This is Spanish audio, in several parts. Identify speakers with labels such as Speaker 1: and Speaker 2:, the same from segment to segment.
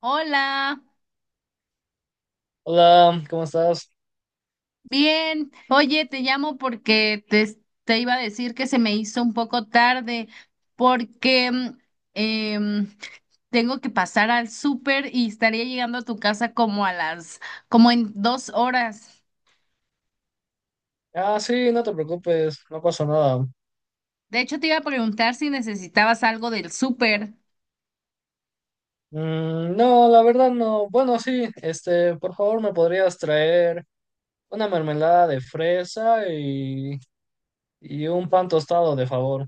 Speaker 1: Hola,
Speaker 2: Hola, ¿cómo estás?
Speaker 1: bien. Oye, te llamo porque te iba a decir que se me hizo un poco tarde porque em, tengo que pasar al súper y estaría llegando a tu casa como en 2 horas.
Speaker 2: Ah, sí, no te preocupes, no pasó nada.
Speaker 1: De hecho, te iba a preguntar si necesitabas algo del súper.
Speaker 2: No, la verdad no. Bueno, sí, por favor, ¿me podrías traer una mermelada de fresa y un pan tostado, de favor?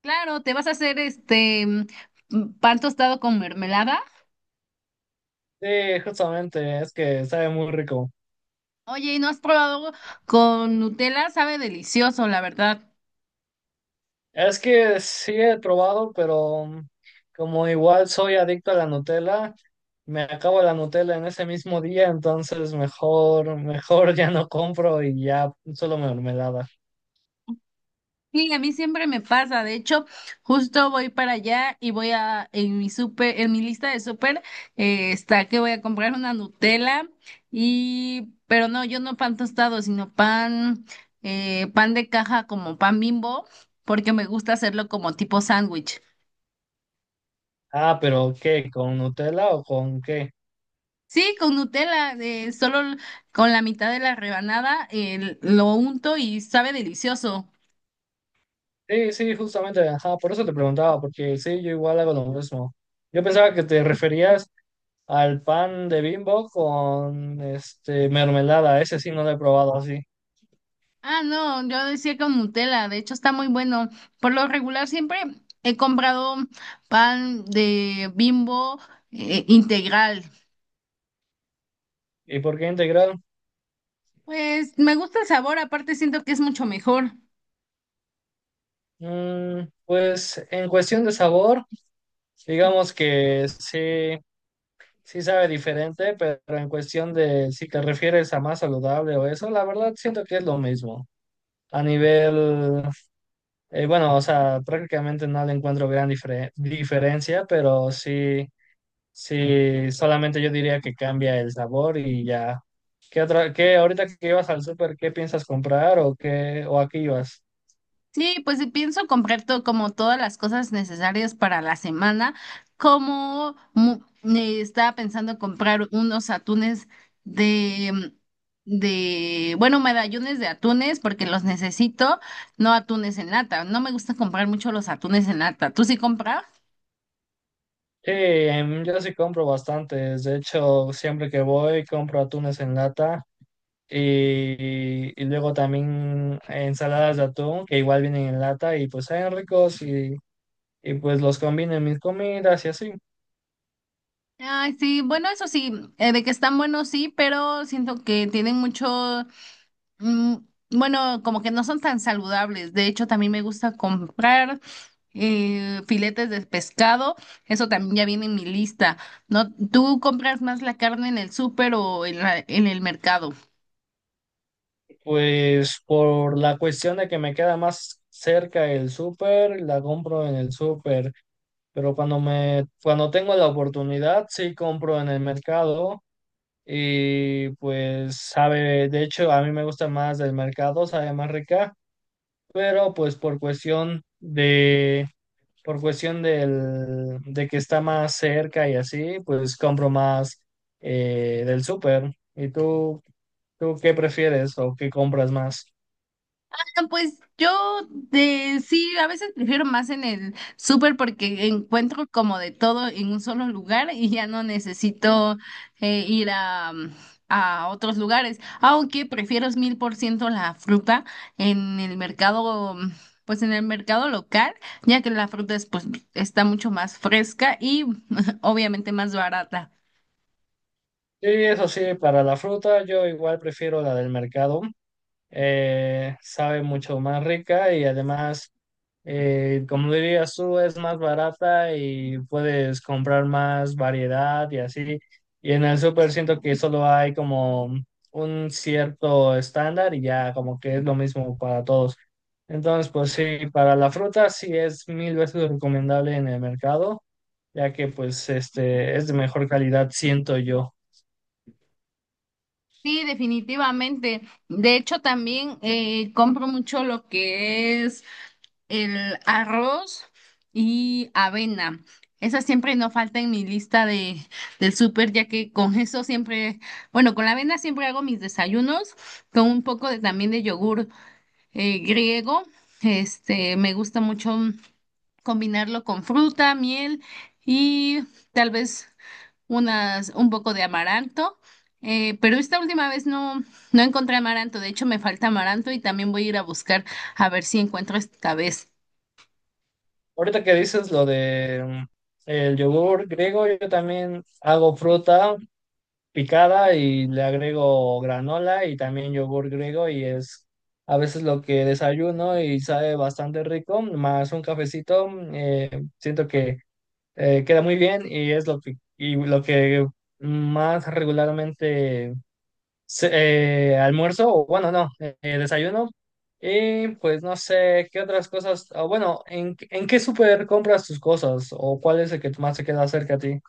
Speaker 1: Claro, ¿te vas a hacer este pan tostado con mermelada?
Speaker 2: Sí, justamente, es que sabe muy rico.
Speaker 1: Oye, ¿y no has probado con Nutella? Sabe delicioso, la verdad.
Speaker 2: Es que sí he probado, pero como igual soy adicto a la Nutella, me acabo la Nutella en ese mismo día, entonces mejor ya no compro y ya solo mermelada.
Speaker 1: Sí, a mí siempre me pasa. De hecho, justo voy para allá y voy a, en mi súper, en mi lista de súper, está que voy a comprar una Nutella y, pero no, yo no pan tostado, sino pan de caja como pan Bimbo, porque me gusta hacerlo como tipo sándwich.
Speaker 2: Ah, pero ¿qué? ¿Con Nutella o con qué?
Speaker 1: Sí, con Nutella, solo con la mitad de la rebanada, lo unto y sabe delicioso.
Speaker 2: Sí, sí, justamente, ajá, por eso te preguntaba, porque sí, yo igual hago lo mismo. Yo pensaba que te referías al pan de Bimbo con este mermelada, ese sí no lo he probado así.
Speaker 1: Ah, no, yo decía con Nutella, de hecho está muy bueno. Por lo regular siempre he comprado pan de Bimbo integral.
Speaker 2: ¿Y por qué integral?
Speaker 1: Pues me gusta el sabor, aparte siento que es mucho mejor.
Speaker 2: Pues en cuestión de sabor, digamos que sí, sí sabe diferente, pero en cuestión de si te refieres a más saludable o eso, la verdad siento que es lo mismo. A nivel. Bueno, o sea, prácticamente no le encuentro gran diferencia, pero sí, sí, solamente yo diría que cambia el sabor y ya. ¿Qué qué ahorita que ibas al súper, qué piensas comprar o qué, o aquí ibas?
Speaker 1: Sí, pues sí, pienso comprar todo, como todas las cosas necesarias para la semana, como estaba pensando comprar unos atunes de, bueno, medallones de atunes porque los necesito, no atunes en lata. No me gusta comprar mucho los atunes en lata. ¿Tú sí compras?
Speaker 2: Yo sí compro bastantes, de hecho, siempre que voy compro atunes en lata y luego también ensaladas de atún que igual vienen en lata y pues saben ricos y pues los combino en mis comidas y así.
Speaker 1: Ay, sí, bueno, eso sí, de que están buenos, sí, pero siento que tienen Mm, bueno, como que no son tan saludables. De hecho, también me gusta comprar filetes de pescado. Eso también ya viene en mi lista. ¿No? ¿Tú compras más la carne en el súper o en en el mercado?
Speaker 2: Pues por la cuestión de que me queda más cerca el súper, la compro en el súper, pero cuando tengo la oportunidad, sí compro en el mercado y pues sabe, de hecho a mí me gusta más del mercado, sabe más rica, pero pues por por cuestión de que está más cerca y así, pues compro más del súper. ¿Y tú qué prefieres o qué compras más?
Speaker 1: Ah, pues yo de sí, a veces prefiero más en el súper porque encuentro como de todo en un solo lugar y ya no necesito ir a otros lugares. Aunque prefiero 1000% la fruta en el mercado, pues en el mercado local, ya que la fruta es, pues, está mucho más fresca y obviamente más barata.
Speaker 2: Sí, eso sí, para la fruta yo igual prefiero la del mercado. Sabe mucho más rica y además, como dirías tú, es más barata y puedes comprar más variedad y así. Y en el súper siento que solo hay como un cierto estándar y ya como que es lo mismo para todos. Entonces, pues sí, para la fruta sí es mil veces recomendable en el mercado, ya que pues este es de mejor calidad, siento yo.
Speaker 1: Sí, definitivamente. De hecho, también compro mucho lo que es el arroz y avena. Esa siempre no falta en mi lista de, del súper, ya que con eso siempre, bueno, con la avena siempre hago mis desayunos, con un poco de, también de yogur griego. Este, me gusta mucho combinarlo con fruta, miel y tal vez un poco de amaranto. Pero esta última vez no, no encontré amaranto, de hecho me falta amaranto y también voy a ir a buscar a ver si encuentro esta vez.
Speaker 2: Ahorita que dices lo de el yogur griego, yo también hago fruta picada y le agrego granola y también yogur griego y es a veces lo que desayuno y sabe bastante rico, más un cafecito, eh, siento que queda muy bien y es lo y lo que más regularmente almuerzo, o bueno, no, desayuno. Y pues no sé, ¿qué otras cosas? O bueno, en qué súper compras tus cosas? ¿O cuál es el que más te queda cerca a ti?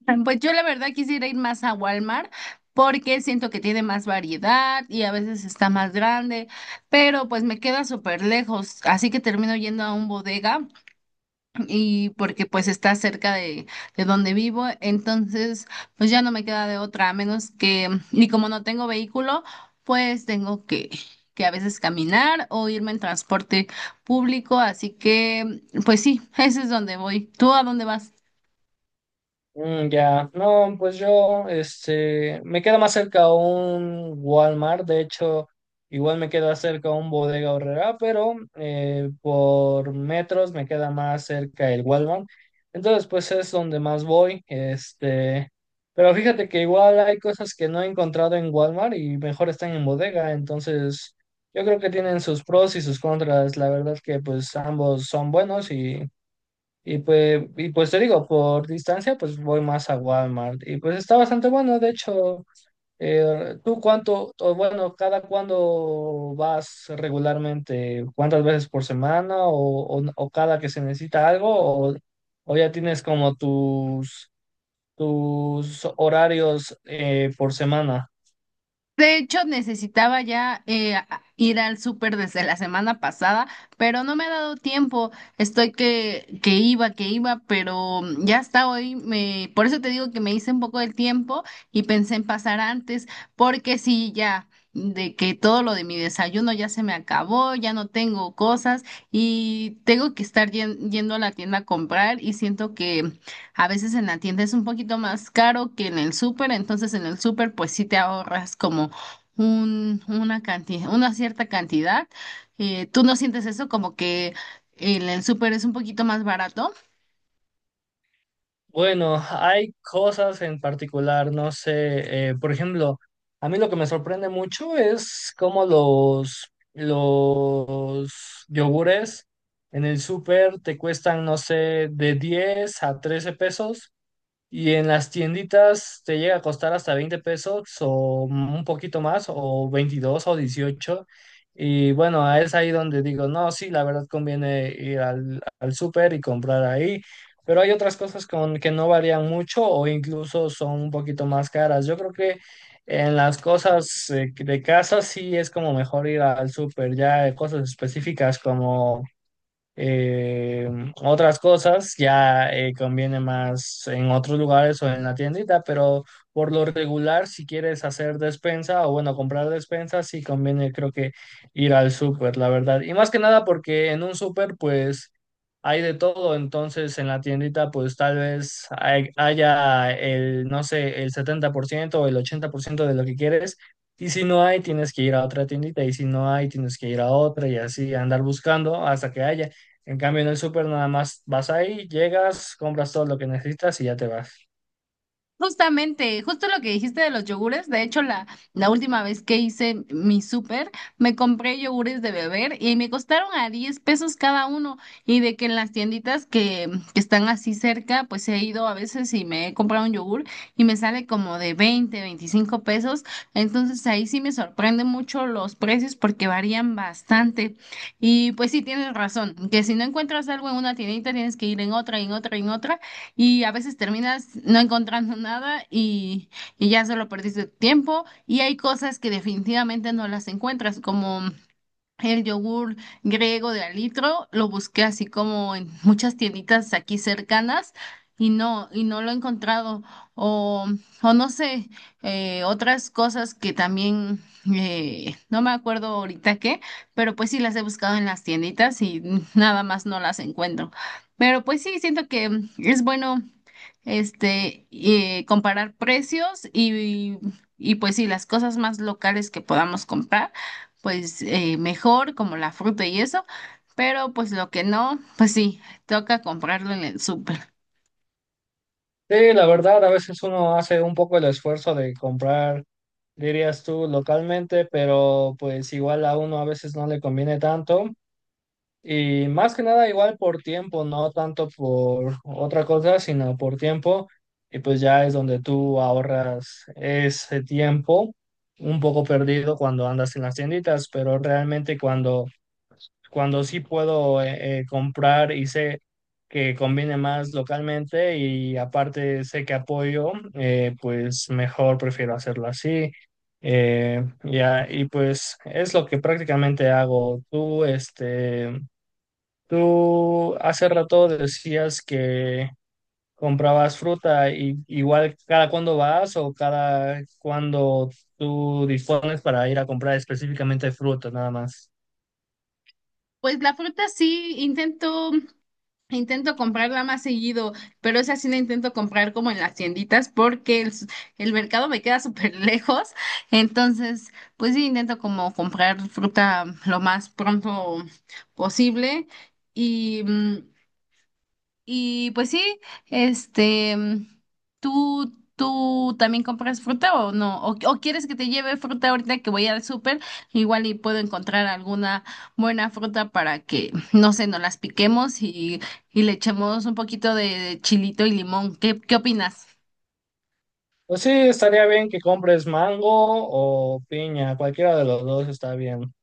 Speaker 1: Pues yo la verdad quisiera ir más a Walmart porque siento que tiene más variedad y a veces está más grande, pero pues me queda súper lejos, así que termino yendo a un bodega y porque pues está cerca de donde vivo, entonces pues ya no me queda de otra, a menos que, y como no tengo vehículo, pues tengo que a veces caminar o irme en transporte público, así que pues sí, ese es donde voy. ¿Tú a dónde vas?
Speaker 2: Ya, no, pues yo, este, me queda más cerca a un Walmart, de hecho, igual me queda cerca a un Bodega Aurrera, pero por metros me queda más cerca el Walmart, entonces pues es donde más voy, este, pero fíjate que igual hay cosas que no he encontrado en Walmart y mejor están en Bodega, entonces yo creo que tienen sus pros y sus contras, la verdad que pues ambos son buenos y pues te digo, por distancia, pues voy más a Walmart. Y pues está bastante bueno. De hecho, ¿tú o bueno, cada cuándo vas regularmente? ¿Cuántas veces por semana o cada que se necesita algo? O ya tienes como tus horarios por semana?
Speaker 1: De hecho, necesitaba ya ir al súper desde la semana pasada, pero no me ha dado tiempo. Estoy que iba, pero ya hasta hoy. Por eso te digo que me hice un poco del tiempo y pensé en pasar antes, porque sí, ya, de que todo lo de mi desayuno ya se me acabó, ya no tengo cosas y tengo que estar yendo a la tienda a comprar y siento que a veces en la tienda es un poquito más caro que en el súper, entonces en el súper pues sí te ahorras como una cantidad, una cierta cantidad. ¿Tú no sientes eso como que el súper es un poquito más barato?
Speaker 2: Bueno, hay cosas en particular, no sé, por ejemplo, a mí lo que me sorprende mucho es cómo los yogures en el súper te cuestan, no sé, de 10 a 13 pesos y en las tienditas te llega a costar hasta 20 pesos o un poquito más, o 22 o 18. Y bueno, es ahí donde digo, no, sí, la verdad conviene ir al súper y comprar ahí. Pero hay otras cosas con que no varían mucho o incluso son un poquito más caras. Yo creo que en las cosas de casa sí es como mejor ir al súper, ya cosas específicas como eh, otras cosas ya conviene más en otros lugares o en la tiendita, pero por lo regular, si quieres hacer despensa o bueno, comprar despensa, sí conviene creo que ir al súper, la verdad. Y más que nada porque en un súper pues hay de todo, entonces en la tiendita pues tal vez haya el, no sé, el 70% o el 80% de lo que quieres. Y si no hay, tienes que ir a otra tiendita, y si no hay, tienes que ir a otra y así andar buscando hasta que haya. En cambio, en el súper nada más vas ahí, llegas, compras todo lo que necesitas y ya te vas.
Speaker 1: Justamente, justo lo que dijiste de los yogures, de hecho la última vez que hice mi súper, me compré yogures de beber y me costaron a 10 pesos cada uno y de que en las tienditas que están así cerca, pues he ido a veces y me he comprado un yogur y me sale como de 20, 25 pesos, entonces ahí sí me sorprende mucho los precios porque varían bastante y pues sí tienes razón, que si no encuentras algo en una tiendita tienes que ir en otra, en otra, en otra y a veces terminas no encontrando nada y, y ya solo perdiste tiempo y hay cosas que definitivamente no las encuentras, como el yogur griego de alitro lo busqué así como en muchas tienditas aquí cercanas y no lo he encontrado. O, o no sé, otras cosas que también no me acuerdo ahorita qué, pero pues sí las he buscado en las tienditas y nada más no las encuentro. Pero pues sí, siento que es bueno comparar precios y pues sí, las cosas más locales que podamos comprar pues mejor, como la fruta y eso, pero pues lo que no, pues sí, toca comprarlo en el súper.
Speaker 2: Sí, la verdad, a veces uno hace un poco el esfuerzo de comprar, dirías tú, localmente, pero pues igual a uno a veces no le conviene tanto. Y más que nada, igual por tiempo, no tanto por otra cosa, sino por tiempo. Y pues ya es donde tú ahorras ese tiempo un poco perdido cuando andas en las tienditas, pero realmente cuando sí puedo comprar y sé que conviene más localmente y aparte sé que apoyo, pues mejor prefiero hacerlo así. Ya, y pues es lo que prácticamente hago. Tú, este, tú hace rato decías que comprabas fruta y igual cada cuándo vas o cada cuándo tú dispones para ir a comprar específicamente fruta, nada más.
Speaker 1: Pues la fruta sí, intento, intento comprarla más seguido, pero esa sí la intento comprar como en las tienditas porque el mercado me queda súper lejos, entonces pues sí intento como comprar fruta lo más pronto posible y... y pues sí, este, ¿tú también compras fruta o no? ¿O quieres que te lleve fruta ahorita que voy al súper? Igual y puedo encontrar alguna buena fruta para que, no sé, nos las piquemos y le echemos un poquito de chilito y limón. ¿Qué opinas?
Speaker 2: Pues sí, estaría bien que compres mango o piña, cualquiera de los dos está bien.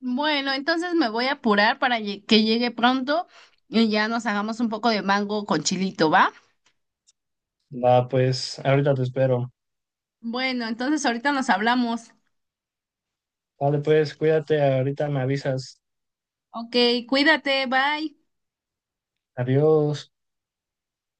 Speaker 1: Bueno, entonces me voy a apurar para que llegue pronto y ya nos hagamos un poco de mango con chilito, ¿va?
Speaker 2: Va, pues, ahorita te espero.
Speaker 1: Bueno, entonces ahorita nos hablamos.
Speaker 2: Vale, pues, cuídate, ahorita me avisas.
Speaker 1: Ok, cuídate, bye.
Speaker 2: Adiós.